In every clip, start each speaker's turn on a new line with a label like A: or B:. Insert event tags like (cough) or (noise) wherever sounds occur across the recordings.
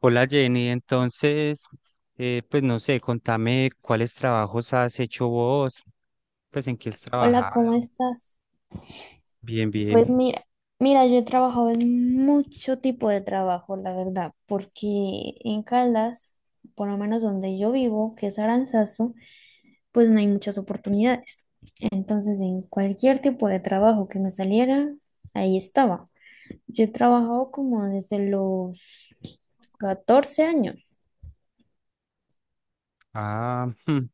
A: Hola Jenny. Pues no sé, contame cuáles trabajos has hecho vos, pues en qué has
B: Hola, ¿cómo
A: trabajado.
B: estás?
A: Bien,
B: Pues
A: bien.
B: mira, mira, yo he trabajado en mucho tipo de trabajo, la verdad, porque en Caldas, por lo menos donde yo vivo, que es Aranzazu, pues no hay muchas oportunidades. Entonces, en cualquier tipo de trabajo que me saliera, ahí estaba. Yo he trabajado como desde los 14 años.
A: Ah, hmm,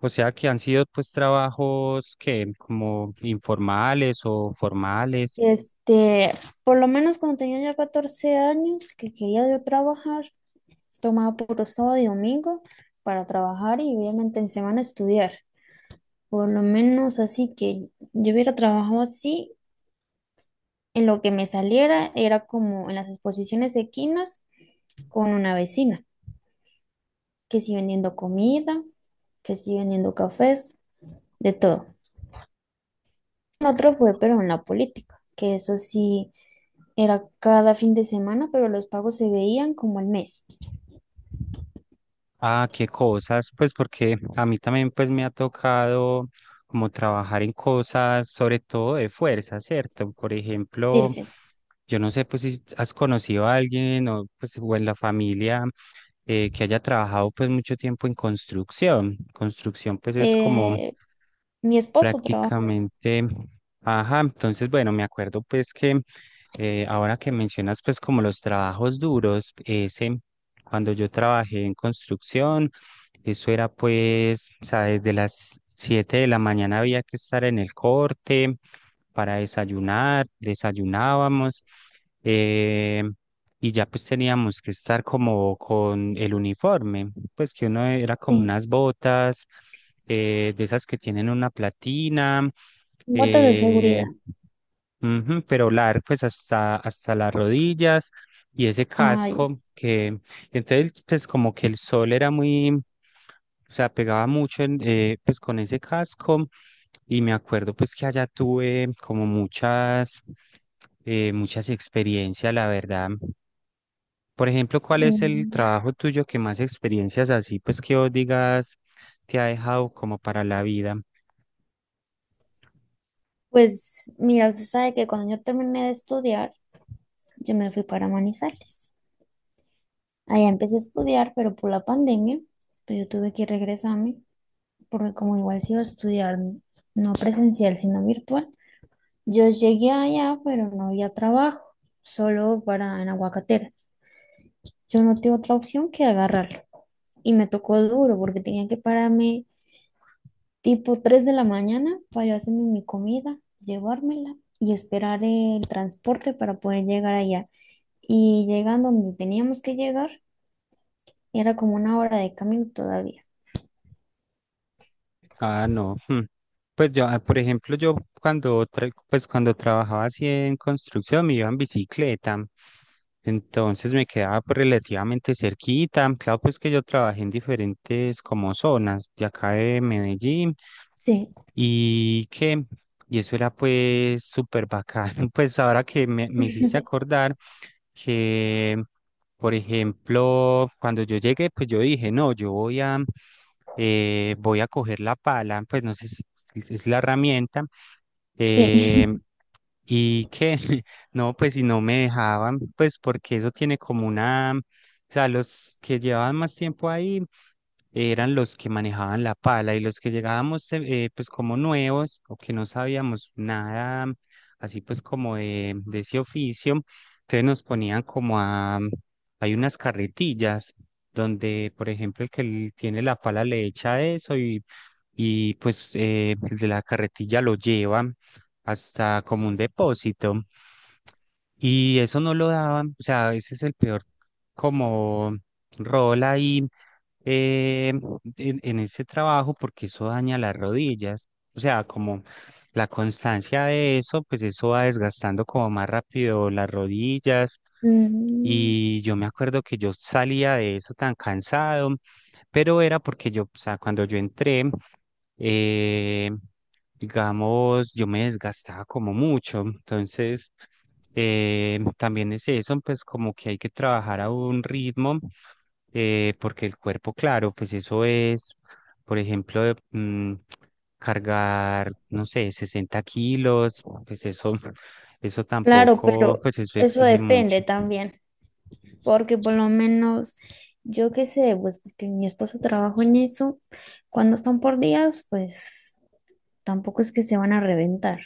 A: o sea que han sido pues trabajos que como informales o formales.
B: Este, por lo menos cuando tenía ya 14 años que quería yo trabajar, tomaba puro sábado y domingo para trabajar y obviamente en semana estudiar. Por lo menos así que yo hubiera trabajado así, en lo que me saliera era como en las exposiciones equinas con una vecina, que sí vendiendo comida, que sí vendiendo cafés, de todo. Otro fue, pero en la política, que eso sí era cada fin de semana, pero los pagos se veían como al mes.
A: Ah, qué cosas, pues porque a mí también pues me ha tocado como trabajar en cosas, sobre todo de fuerza, ¿cierto? Por
B: Sí,
A: ejemplo,
B: sí.
A: yo no sé pues si has conocido a alguien o pues o en la familia que haya trabajado pues mucho tiempo en construcción. Construcción pues es como
B: Eh, mi esposo trabaja
A: prácticamente, ajá. Entonces bueno, me acuerdo pues que ahora que mencionas, pues, como los trabajos duros, ese, cuando yo trabajé en construcción, eso era, pues, o sea, desde las 7 de la mañana había que estar en el corte para desayunar. Desayunábamos, eh, y ya, pues, teníamos que estar como con el uniforme, pues, que uno era como
B: en sí,
A: unas botas de esas que tienen una platina,
B: botas de
A: eh,
B: seguridad.
A: ujú, pero largo pues hasta las rodillas y ese
B: Ay.
A: casco que entonces pues como que el sol era muy, o sea, pegaba mucho en, pues con ese casco. Y me acuerdo pues que allá tuve como muchas experiencias, la verdad. Por ejemplo, ¿cuál es el
B: Mm.
A: trabajo tuyo que más experiencias así, pues, que vos digas, te ha dejado como para la vida?
B: Pues mira, usted sabe que cuando yo terminé de estudiar, yo me fui para Manizales. Allá empecé a estudiar, pero por la pandemia, pues yo tuve que regresarme, porque como igual se iba a estudiar no presencial, sino virtual, yo llegué allá, pero no había trabajo, solo para en aguacatera. Yo no tuve otra opción que agarrarlo. Y me tocó duro, porque tenía que pararme tipo 3 de la mañana para yo hacerme mi comida, llevármela y esperar el transporte para poder llegar allá. Y llegando donde teníamos que llegar, era como una hora de camino todavía.
A: Ah, no. Hmm. Pues yo, ah, por ejemplo, yo cuando, pues cuando trabajaba así en construcción me iba en bicicleta, entonces me quedaba pues relativamente cerquita. Claro, pues que yo trabajé en diferentes como zonas de acá de Medellín
B: Sí,
A: y que, y eso era pues súper bacán. (laughs) Pues ahora que me hiciste
B: (laughs)
A: acordar que por ejemplo, cuando yo llegué, pues yo dije, no, yo voy a coger la pala, pues no sé si es la herramienta, eh,
B: sí.
A: y que, (laughs) no, pues si no me dejaban, pues porque eso tiene como una, o sea, los que llevaban más tiempo ahí eran los que manejaban la pala, y los que llegábamos pues como nuevos o que no sabíamos nada, así pues como de ese oficio, entonces nos ponían como a, hay unas carretillas donde, por ejemplo, el que tiene la pala le echa eso, y pues el de la carretilla lo lleva hasta como un depósito. Y eso no lo daban, o sea, ese es el peor como rol ahí, eh, en ese trabajo, porque eso daña las rodillas. O sea, como la constancia de eso, pues eso va desgastando como más rápido las rodillas.
B: Mm.
A: Y yo me acuerdo que yo salía de eso tan cansado, pero era porque yo, o sea, cuando yo entré, eh, digamos, yo me desgastaba como mucho. Entonces… también es eso, pues como que hay que trabajar a un ritmo, porque el cuerpo, claro, pues eso es, por ejemplo, cargar, no sé, 60 kilos, pues eso, (laughs) eso
B: Claro,
A: tampoco,
B: pero
A: pues eso
B: eso
A: exige mucho.
B: depende también, porque por lo menos yo qué sé, pues porque mi esposo trabaja en eso, cuando están por días, pues tampoco es que se van a reventar.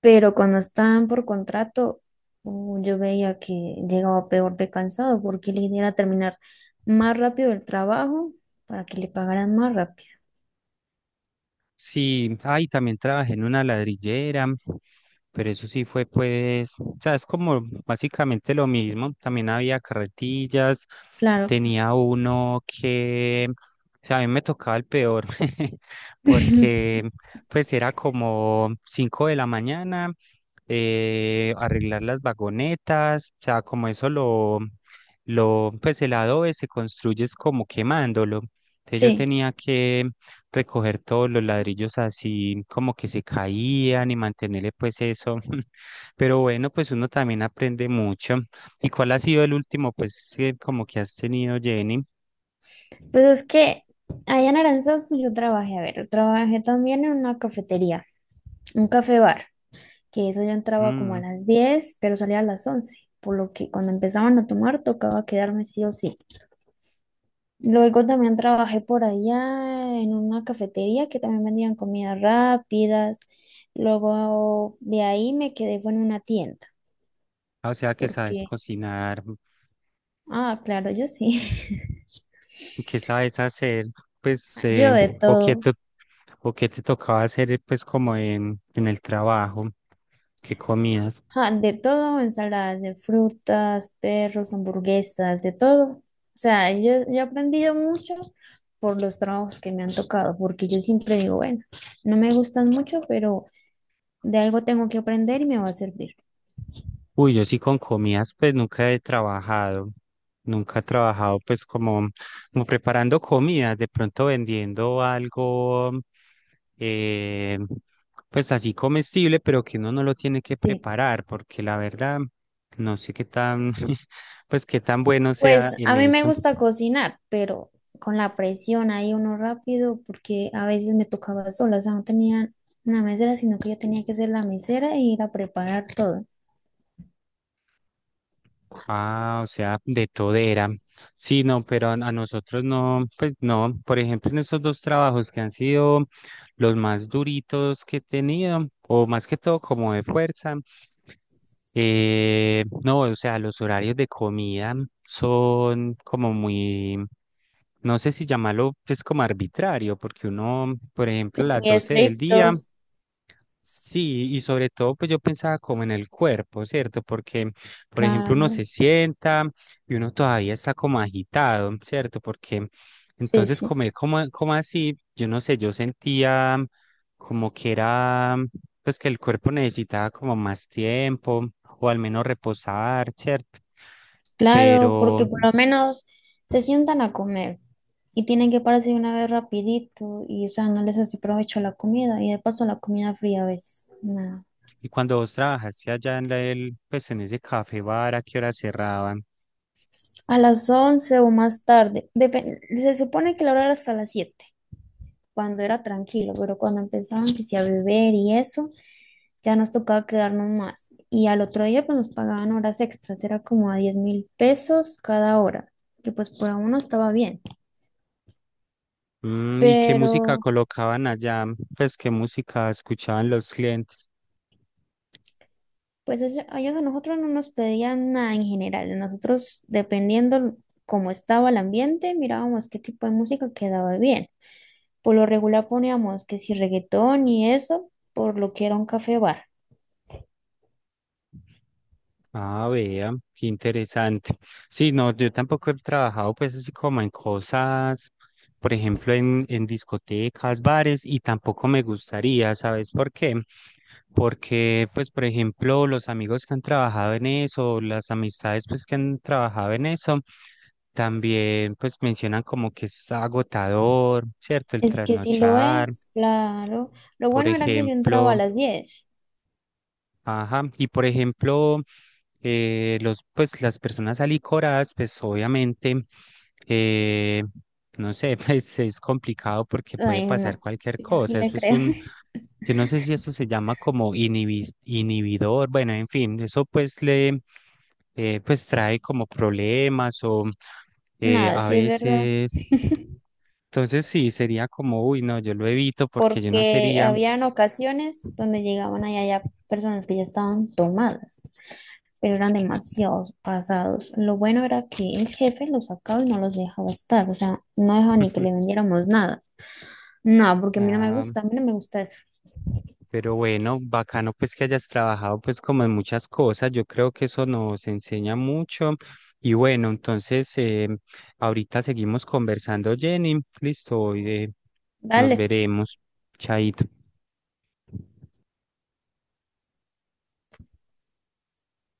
B: Pero cuando estaban por contrato, yo veía que llegaba peor de cansado porque la idea era terminar más rápido el trabajo para que le pagaran más rápido.
A: Sí, ahí también trabajé en una ladrillera, pero eso sí fue pues, o sea, es como básicamente lo mismo. También había carretillas,
B: Claro, claro.
A: tenía uno que, o sea, a mí me tocaba el peor, (laughs)
B: (laughs)
A: porque pues era como 5 de la mañana, arreglar las vagonetas, o sea, como eso pues el adobe se construye es como quemándolo. Entonces yo
B: Sí,
A: tenía que recoger todos los ladrillos así como que se caían y mantenerle pues eso. (laughs) Pero bueno, pues uno también aprende mucho. ¿Y cuál ha sido el último pues que como que has tenido, Jenny?
B: pues es que allá en Aranzazu yo trabajé, a ver, yo trabajé también en una cafetería, un café bar, que eso yo entraba como a
A: Mm.
B: las 10 pero salía a las 11 por lo que cuando empezaban a tomar tocaba quedarme sí o sí. Luego también trabajé por allá en una cafetería que también vendían comidas rápidas. Luego de ahí me quedé fue en una tienda,
A: O sea que sabes
B: porque,
A: cocinar,
B: ah, claro, yo sí. (laughs)
A: que sabes hacer, pues,
B: Yo de
A: o qué
B: todo.
A: te, o qué te tocaba hacer pues como en el trabajo, qué comías.
B: Ah, de todo, ensaladas de frutas, perros, hamburguesas, de todo. O sea, yo he aprendido mucho por los trabajos que me han tocado, porque yo siempre digo, bueno, no me gustan mucho, pero de algo tengo que aprender y me va a servir.
A: Uy, yo sí con comidas, pues nunca he trabajado, nunca he trabajado pues como, como preparando comidas, de pronto vendiendo algo, eh, pues así comestible, pero que uno no lo tiene que
B: Sí.
A: preparar, porque la verdad, no sé qué tan, (laughs) pues qué tan bueno sea
B: Pues
A: en
B: a mí me
A: eso.
B: gusta cocinar, pero con la presión ahí uno rápido, porque a veces me tocaba sola, o sea, no tenía una mesera, sino que yo tenía que ser la mesera e ir a preparar todo.
A: Ah, o sea, de todera. Sí, no, pero a nosotros no, pues no. Por ejemplo, en estos dos trabajos que han sido los más duritos que he tenido, o más que todo como de fuerza, no, o sea, los horarios de comida son como muy, no sé si llamarlo, pues como arbitrario, porque uno, por ejemplo, las
B: Muy
A: 12 del día.
B: estrictos,
A: Sí, y sobre todo, pues yo pensaba como en el cuerpo, ¿cierto? Porque, por ejemplo, uno
B: claro,
A: se sienta y uno todavía está como agitado, ¿cierto? Porque
B: sí,
A: entonces
B: sí,
A: comer como, como así, yo no sé, yo sentía como que era, pues que el cuerpo necesitaba como más tiempo o al menos reposar, ¿cierto?
B: claro,
A: Pero,
B: porque por lo menos se sientan a comer y tienen que pararse de una vez rapidito y, o sea, no les hace provecho la comida y de paso la comida fría a veces, nada.
A: y cuando vos trabajaste allá en el, pues en ese café bar, ¿a qué hora cerraban?
B: A las 11 o más tarde, se supone que la hora era hasta las 7, cuando era tranquilo, pero cuando empezaban que sí a beber y eso, ya nos tocaba quedarnos más. Y al otro día pues nos pagaban horas extras, era como a 10.000 pesos cada hora, que pues por uno estaba bien.
A: Mm, ¿y qué música
B: Pero
A: colocaban allá? Pues, ¿qué música escuchaban los clientes?
B: pues eso, a ellos a nosotros no nos pedían nada en general, nosotros dependiendo cómo estaba el ambiente, mirábamos qué tipo de música quedaba bien. Por lo regular poníamos que si reggaetón y eso, por lo que era un café bar.
A: Ah, vea, qué interesante. Sí, no, yo tampoco he trabajado pues así como en cosas, por ejemplo, en discotecas, bares, y tampoco me gustaría, ¿sabes por qué? Porque, pues, por ejemplo, los amigos que han trabajado en eso, las amistades pues que han trabajado en eso, también pues mencionan como que es agotador, ¿cierto? El
B: Es que sí lo
A: trasnochar,
B: es, claro. Lo
A: por
B: bueno era que yo entraba a
A: ejemplo.
B: las diez
A: Ajá, y por ejemplo, los, pues las personas alicoradas, pues obviamente, eh, no sé, (laughs) pues es complicado porque puede
B: Ay,
A: pasar
B: no,
A: cualquier
B: yo
A: cosa.
B: sí le
A: Eso es
B: creo.
A: un,
B: (laughs)
A: yo no sé si eso se llama como inhibidor, bueno, en fin, eso pues pues trae como problemas o
B: Nada,
A: a
B: sí es verdad.
A: veces. Entonces sí, sería como, uy, no, yo lo evito porque yo no
B: Porque
A: sería,
B: habían ocasiones donde llegaban allá ya personas que ya estaban tomadas, pero eran demasiados pasados. Lo bueno era que el jefe los sacaba y no los dejaba estar. O sea, no dejaba ni que le
A: (laughs)
B: vendiéramos nada. No, porque a mí no me
A: nada.
B: gusta, a mí no me gusta eso.
A: Pero bueno, bacano pues que hayas trabajado pues como en muchas cosas, yo creo que eso nos enseña mucho. Y bueno, entonces ahorita seguimos conversando, Jenny, listo, hoy nos
B: Dale.
A: veremos, chaito.